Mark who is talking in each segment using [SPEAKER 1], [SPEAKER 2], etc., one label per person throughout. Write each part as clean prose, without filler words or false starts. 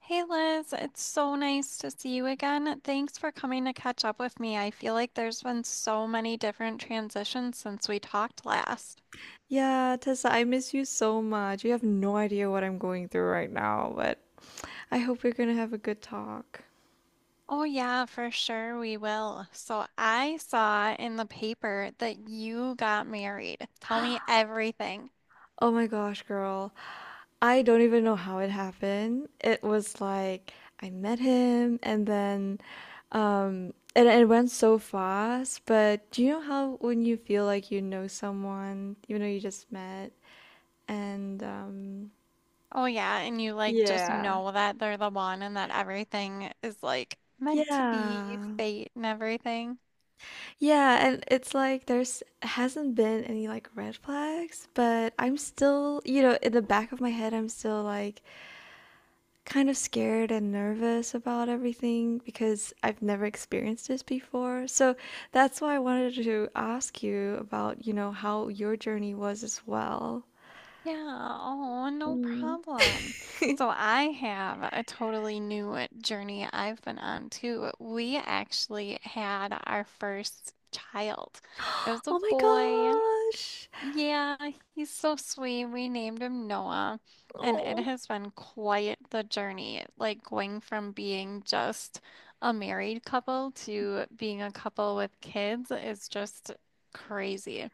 [SPEAKER 1] Hey Liz, it's so nice to see you again. Thanks for coming to catch up with me. I feel like there's been so many different transitions since we talked last.
[SPEAKER 2] Yeah, Tessa, I miss you so much. You have no idea what I'm going through right now, but I hope we're gonna have a good talk.
[SPEAKER 1] Oh, yeah, for sure we will. So I saw in the paper that you got married. Tell me everything.
[SPEAKER 2] Oh my gosh, girl. I don't even know how it happened. It was like I met him and then and it went so fast, but do you know how when you feel like you know someone, even though you just met and
[SPEAKER 1] Oh, yeah, and you like just
[SPEAKER 2] yeah.
[SPEAKER 1] know that they're the one and that everything is like meant to be
[SPEAKER 2] Yeah.
[SPEAKER 1] fate and everything.
[SPEAKER 2] Yeah, and it's like there's hasn't been any like red flags, but I'm still, in the back of my head, I'm still like kind of scared and nervous about everything because I've never experienced this before. So that's why I wanted to ask you about, how your journey was as well.
[SPEAKER 1] Yeah, oh, no
[SPEAKER 2] Mm.
[SPEAKER 1] problem. So I have a totally new journey I've been on too. We actually had our first child. It was a
[SPEAKER 2] Oh my
[SPEAKER 1] boy.
[SPEAKER 2] gosh.
[SPEAKER 1] Yeah, he's so sweet. We named him Noah, and it has been quite the journey, like going from being just a married couple to being a couple with kids is just crazy.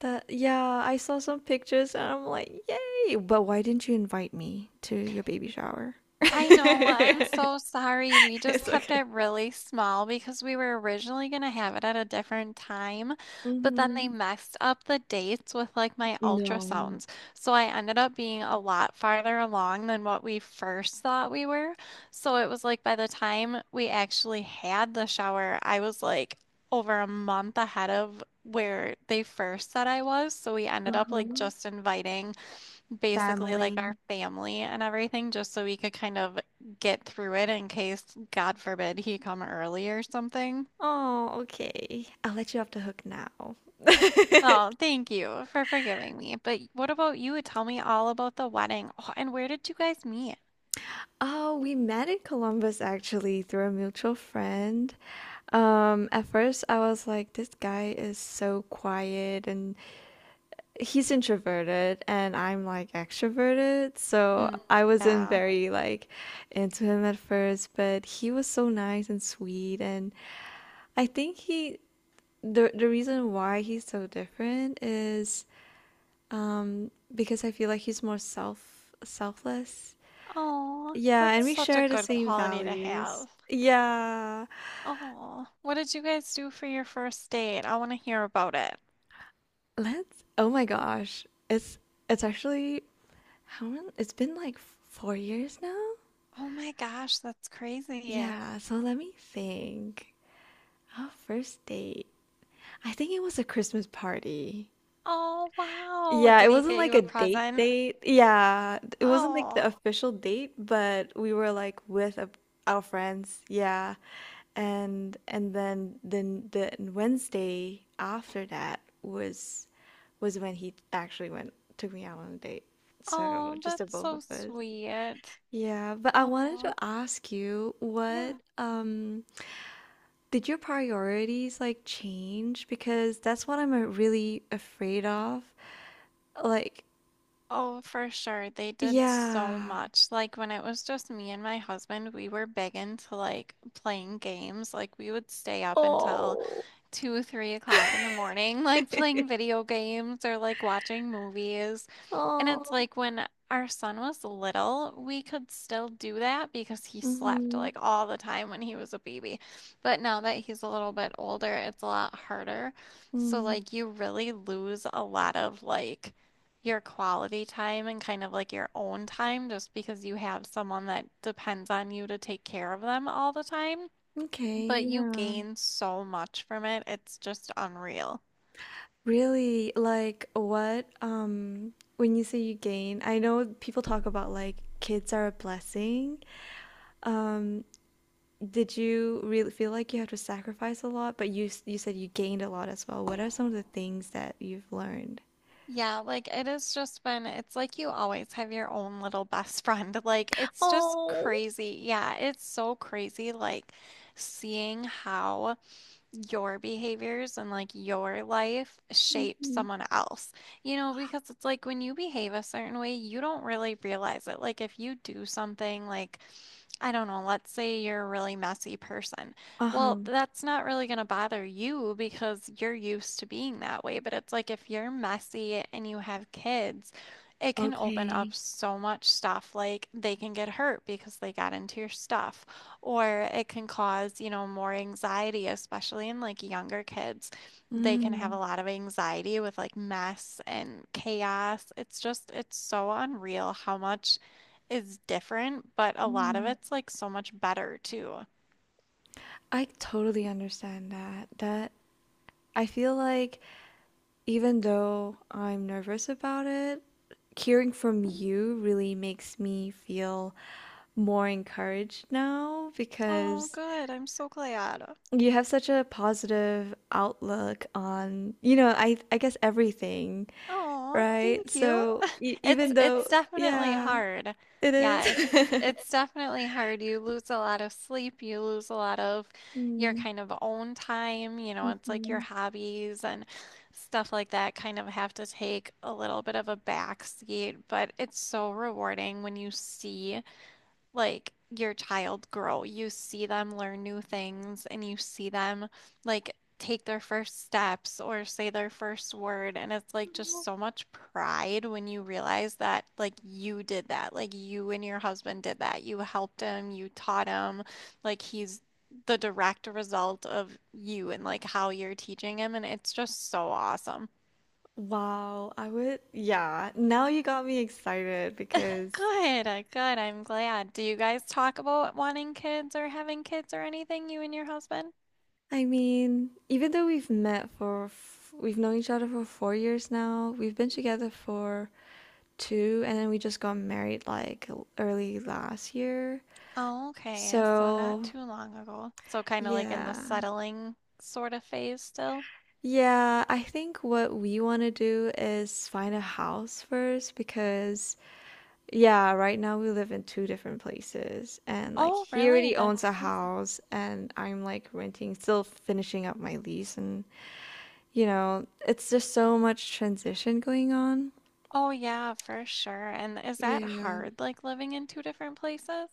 [SPEAKER 2] That yeah, I saw some pictures and I'm like, "Yay!" But why didn't you invite me to your baby shower?
[SPEAKER 1] I know. I'm so sorry. We just
[SPEAKER 2] It's
[SPEAKER 1] kept
[SPEAKER 2] okay.
[SPEAKER 1] it really small because we were originally going to have it at a different time, but then they
[SPEAKER 2] Mhm.
[SPEAKER 1] messed up the dates with like my
[SPEAKER 2] No.
[SPEAKER 1] ultrasounds. So I ended up being a lot farther along than what we first thought we were. So it was like by the time we actually had the shower, I was like over a month ahead of where they first said I was. So we ended up like
[SPEAKER 2] Uh-huh.
[SPEAKER 1] just inviting basically like our
[SPEAKER 2] Family.
[SPEAKER 1] family and everything, just so we could kind of get through it in case, God forbid, he come early or something.
[SPEAKER 2] Oh, okay. I'll let you off the hook now.
[SPEAKER 1] Oh, thank you for forgiving me. But what about you? Tell me all about the wedding. Oh, and where did you guys meet?
[SPEAKER 2] Oh, we met in Columbus actually through a mutual friend. At first I was like, this guy is so quiet and he's introverted and I'm like extroverted. So
[SPEAKER 1] Mm,
[SPEAKER 2] I wasn't
[SPEAKER 1] yeah.
[SPEAKER 2] very like into him at first, but he was so nice and sweet and I think he the reason why he's so different is because I feel like he's more selfless.
[SPEAKER 1] Oh,
[SPEAKER 2] Yeah, and
[SPEAKER 1] that's
[SPEAKER 2] we
[SPEAKER 1] such a
[SPEAKER 2] share the
[SPEAKER 1] good
[SPEAKER 2] same
[SPEAKER 1] quality to
[SPEAKER 2] values.
[SPEAKER 1] have.
[SPEAKER 2] Yeah.
[SPEAKER 1] Oh, what did you guys do for your first date? I want to hear about it.
[SPEAKER 2] Let's oh my gosh. It's actually how long it's been, like, 4 years now?
[SPEAKER 1] Oh my gosh, that's crazy.
[SPEAKER 2] Yeah, so let me think. Oh, first date. I think it was a Christmas party.
[SPEAKER 1] Oh, wow.
[SPEAKER 2] Yeah,
[SPEAKER 1] Did
[SPEAKER 2] it
[SPEAKER 1] he
[SPEAKER 2] wasn't
[SPEAKER 1] get
[SPEAKER 2] like
[SPEAKER 1] you
[SPEAKER 2] a
[SPEAKER 1] a
[SPEAKER 2] date
[SPEAKER 1] present?
[SPEAKER 2] date. Yeah, it wasn't like the
[SPEAKER 1] Oh.
[SPEAKER 2] official date, but we were like our friends. Yeah, and then the Wednesday after that was when he actually went took me out on a date. So
[SPEAKER 1] Oh,
[SPEAKER 2] just the
[SPEAKER 1] that's
[SPEAKER 2] both
[SPEAKER 1] so
[SPEAKER 2] of us.
[SPEAKER 1] sweet.
[SPEAKER 2] Yeah, but I wanted
[SPEAKER 1] Oh,
[SPEAKER 2] to ask you what
[SPEAKER 1] yeah.
[SPEAKER 2] did your priorities like change? Because that's what I'm really afraid of. Like,
[SPEAKER 1] Oh, for sure. They did so
[SPEAKER 2] yeah.
[SPEAKER 1] much. Like when it was just me and my husband, we were big into like playing games. Like we would stay up until
[SPEAKER 2] Oh.
[SPEAKER 1] two, 3 o'clock in the morning, like playing video games or like watching movies. And it's
[SPEAKER 2] Oh.
[SPEAKER 1] like when our son was little, we could still do that because he slept
[SPEAKER 2] Mm-hmm.
[SPEAKER 1] like all the time when he was a baby. But now that he's a little bit older, it's a lot harder. So,
[SPEAKER 2] Mm.
[SPEAKER 1] like, you really lose a lot of like your quality time and kind of like your own time just because you have someone that depends on you to take care of them all the time. But
[SPEAKER 2] Okay,
[SPEAKER 1] you
[SPEAKER 2] yeah.
[SPEAKER 1] gain so much from it. It's just unreal.
[SPEAKER 2] Really, like what when you say you gain, I know people talk about like kids are a blessing. Um, did you really feel like you had to sacrifice a lot? But you said you gained a lot as well. What are some of the things that you've learned?
[SPEAKER 1] Yeah, like it has just been, it's like you always have your own little best friend. Like it's just
[SPEAKER 2] Oh.
[SPEAKER 1] crazy. Yeah, it's so crazy, like seeing how your behaviors and like your life shape
[SPEAKER 2] Mhm.
[SPEAKER 1] someone else. You know, because it's like when you behave a certain way, you don't really realize it. Like if you do something like I don't know, let's say you're a really messy person. Well,
[SPEAKER 2] Uh-huh.
[SPEAKER 1] that's not really going to bother you because you're used to being that way. But it's like if you're messy and you have kids, it can open
[SPEAKER 2] Okay.
[SPEAKER 1] up so much stuff. Like they can get hurt because they got into your stuff. Or it can cause, more anxiety, especially in like younger kids. They can have
[SPEAKER 2] Mm,
[SPEAKER 1] a lot of anxiety with like mess and chaos. It's just, it's so unreal how much is different, but a lot of
[SPEAKER 2] mm.
[SPEAKER 1] it's like so much better too.
[SPEAKER 2] I totally understand that. I feel like even though I'm nervous about it, hearing from you really makes me feel more encouraged now
[SPEAKER 1] Oh,
[SPEAKER 2] because
[SPEAKER 1] good. I'm so glad.
[SPEAKER 2] you have such a positive outlook on, I guess everything,
[SPEAKER 1] Oh,
[SPEAKER 2] right?
[SPEAKER 1] thank you.
[SPEAKER 2] So e
[SPEAKER 1] It's
[SPEAKER 2] even though,
[SPEAKER 1] it's definitely
[SPEAKER 2] yeah,
[SPEAKER 1] hard.
[SPEAKER 2] it
[SPEAKER 1] Yeah, it's
[SPEAKER 2] is.
[SPEAKER 1] it's definitely hard. You lose a lot of sleep, you lose a lot of your
[SPEAKER 2] Mm,
[SPEAKER 1] kind of own time, it's like your
[SPEAKER 2] mhm.
[SPEAKER 1] hobbies and stuff like that kind of have to take a little bit of a back seat, but it's so rewarding when you see like your child grow. You see them learn new things and you see them like take their first steps or say their first word. And it's like just so much pride when you realize that like you did that, like you and your husband did that. You helped him, you taught him, like he's the direct result of you and like how you're teaching him. And it's just so awesome.
[SPEAKER 2] Wow, I would, yeah. Now you got me excited because
[SPEAKER 1] Good. I'm glad. Do you guys talk about wanting kids or having kids or anything, you and your husband?
[SPEAKER 2] I mean, even though we've known each other for 4 years now, we've been together for two, and then we just got married like early last year.
[SPEAKER 1] Oh, okay. So not
[SPEAKER 2] So,
[SPEAKER 1] too long ago. So kind of like in the
[SPEAKER 2] yeah.
[SPEAKER 1] settling sort of phase still.
[SPEAKER 2] Yeah, I think what we want to do is find a house first because yeah, right now we live in two different places, and like
[SPEAKER 1] Oh,
[SPEAKER 2] he
[SPEAKER 1] really?
[SPEAKER 2] already owns
[SPEAKER 1] That's
[SPEAKER 2] a
[SPEAKER 1] crazy.
[SPEAKER 2] house, and I'm like renting, still finishing up my lease, and you know, it's just so much transition going on.
[SPEAKER 1] Oh, yeah, for sure. And is that
[SPEAKER 2] Yeah.
[SPEAKER 1] hard, like living in two different places?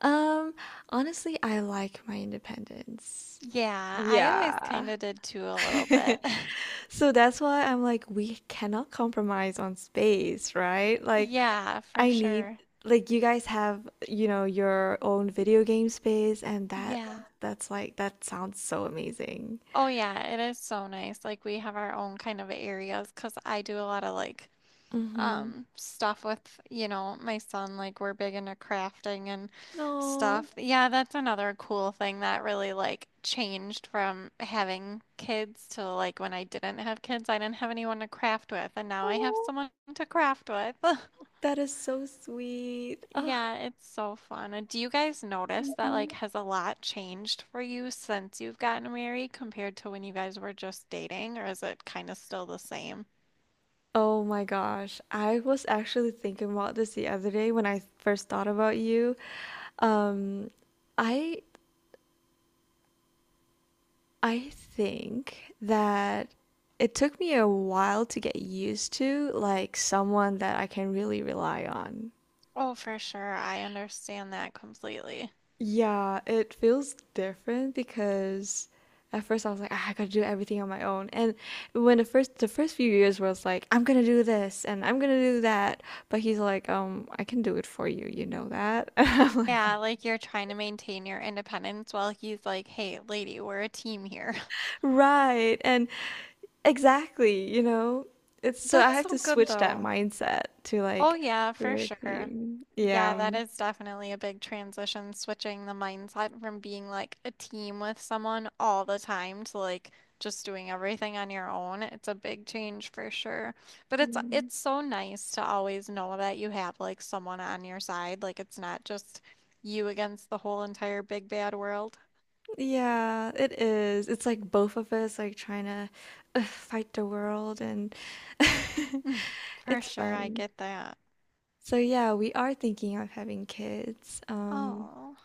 [SPEAKER 2] Um, Honestly, I like my independence.
[SPEAKER 1] Yeah, I always
[SPEAKER 2] Yeah.
[SPEAKER 1] kind of did too a little bit.
[SPEAKER 2] So that's why I'm like, we cannot compromise on space, right? Like,
[SPEAKER 1] Yeah, for
[SPEAKER 2] I need
[SPEAKER 1] sure.
[SPEAKER 2] like you guys have, you know, your own video game space and that. Yeah,
[SPEAKER 1] Yeah.
[SPEAKER 2] that's like that sounds so amazing.
[SPEAKER 1] Oh, yeah, it is so nice. Like we have our own kind of areas because I do a lot of like
[SPEAKER 2] Mm-hmm.
[SPEAKER 1] stuff with my son, like we're big into crafting and
[SPEAKER 2] No.
[SPEAKER 1] stuff. Yeah, that's another cool thing that really like changed from having kids to like when I didn't have kids, I didn't have anyone to craft with, and now I have
[SPEAKER 2] Oh,
[SPEAKER 1] someone to craft with.
[SPEAKER 2] that is so sweet. Ah,
[SPEAKER 1] Yeah, it's so fun. And do you guys notice that, like,
[SPEAKER 2] mhm.
[SPEAKER 1] has a lot changed for you since you've gotten married compared to when you guys were just dating, or is it kind of still the same?
[SPEAKER 2] Oh my gosh. I was actually thinking about this the other day when I first thought about you. Um, I I think that it took me a while to get used to like someone that I can really rely on.
[SPEAKER 1] Oh, for sure, I understand that completely.
[SPEAKER 2] Yeah, it feels different because at first I was like, ah, I gotta do everything on my own. And when the first few years was like, I'm gonna do this and I'm gonna do that, but he's like, I can do it for you, you know that? And I'm like,
[SPEAKER 1] Yeah, like you're trying to maintain your independence while he's like, hey, lady, we're a team here.
[SPEAKER 2] right. And exactly, you know, it's so I
[SPEAKER 1] That's
[SPEAKER 2] have to
[SPEAKER 1] so good
[SPEAKER 2] switch that
[SPEAKER 1] though.
[SPEAKER 2] mindset to
[SPEAKER 1] Oh,
[SPEAKER 2] like
[SPEAKER 1] yeah, for
[SPEAKER 2] we're a
[SPEAKER 1] sure.
[SPEAKER 2] team.
[SPEAKER 1] Yeah,
[SPEAKER 2] Yeah.
[SPEAKER 1] that is definitely a big transition, switching the mindset from being like a team with someone all the time to like just doing everything on your own. It's a big change for sure. But it's
[SPEAKER 2] Yeah.
[SPEAKER 1] it's so nice to always know that you have like someone on your side. Like it's not just you against the whole entire big bad world.
[SPEAKER 2] Yeah, it is. It's like both of us like trying to fight the world and
[SPEAKER 1] For
[SPEAKER 2] it's
[SPEAKER 1] sure, I
[SPEAKER 2] fun.
[SPEAKER 1] get that.
[SPEAKER 2] So yeah, we are thinking of having kids.
[SPEAKER 1] Oh,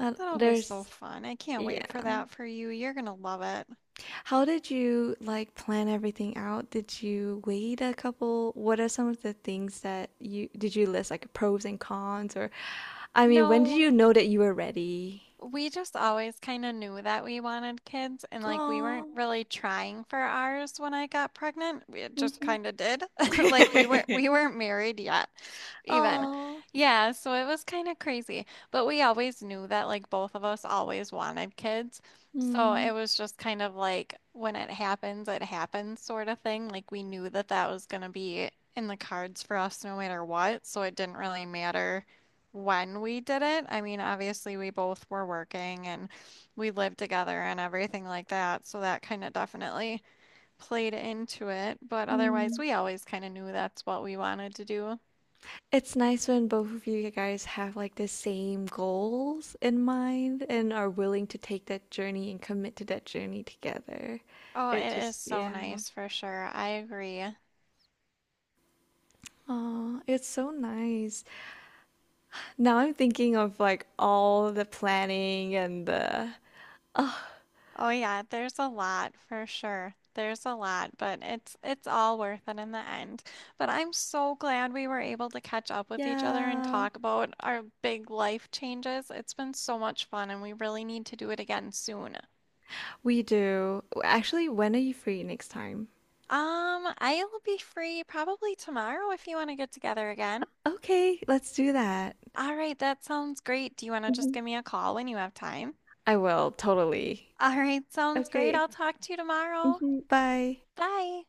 [SPEAKER 1] that'll be so
[SPEAKER 2] There's
[SPEAKER 1] fun. I can't wait
[SPEAKER 2] yeah.
[SPEAKER 1] for that for you. You're gonna love it.
[SPEAKER 2] How did you like plan everything out? Did you wait a couple? What are some of the things that you list like pros and cons or I mean, when did
[SPEAKER 1] No,
[SPEAKER 2] you know that you were ready?
[SPEAKER 1] we just always kind of knew that we wanted kids, and like we weren't
[SPEAKER 2] Oh.
[SPEAKER 1] really trying for ours when I got pregnant. We It just
[SPEAKER 2] Mm.
[SPEAKER 1] kind of did. Like we weren't married yet, even.
[SPEAKER 2] Oh.
[SPEAKER 1] Yeah, so it was kind of crazy. But we always knew that like both of us always wanted kids. So it was just kind of like when it happens sort of thing. Like we knew that that was going to be in the cards for us no matter what, so it didn't really matter when we did it. I mean, obviously, we both were working and we lived together and everything like that. So that kind of definitely played into it. But otherwise,
[SPEAKER 2] Mm.
[SPEAKER 1] we always kind of knew that's what we wanted to do.
[SPEAKER 2] It's nice when both of you guys have like the same goals in mind and are willing to take that journey and commit to that journey together.
[SPEAKER 1] Oh,
[SPEAKER 2] It
[SPEAKER 1] it is
[SPEAKER 2] just,
[SPEAKER 1] so
[SPEAKER 2] yeah.
[SPEAKER 1] nice for sure. I agree.
[SPEAKER 2] Oh, it's so nice. Now I'm thinking of like all the planning and the, oh,
[SPEAKER 1] Oh yeah, there's a lot for sure. There's a lot, but it's all worth it in the end. But I'm so glad we were able to catch up with each other and
[SPEAKER 2] yeah.
[SPEAKER 1] talk about our big life changes. It's been so much fun and we really need to do it again soon.
[SPEAKER 2] We do. Actually, when are you free next time?
[SPEAKER 1] I'll be free probably tomorrow if you want to get together again.
[SPEAKER 2] Okay, let's do that.
[SPEAKER 1] All right, that sounds great. Do you want to just
[SPEAKER 2] Mhm.
[SPEAKER 1] give me a call when you have time?
[SPEAKER 2] I will, totally.
[SPEAKER 1] All right, sounds great.
[SPEAKER 2] Okay.
[SPEAKER 1] I'll talk to you tomorrow.
[SPEAKER 2] Mhm. Bye.
[SPEAKER 1] Bye.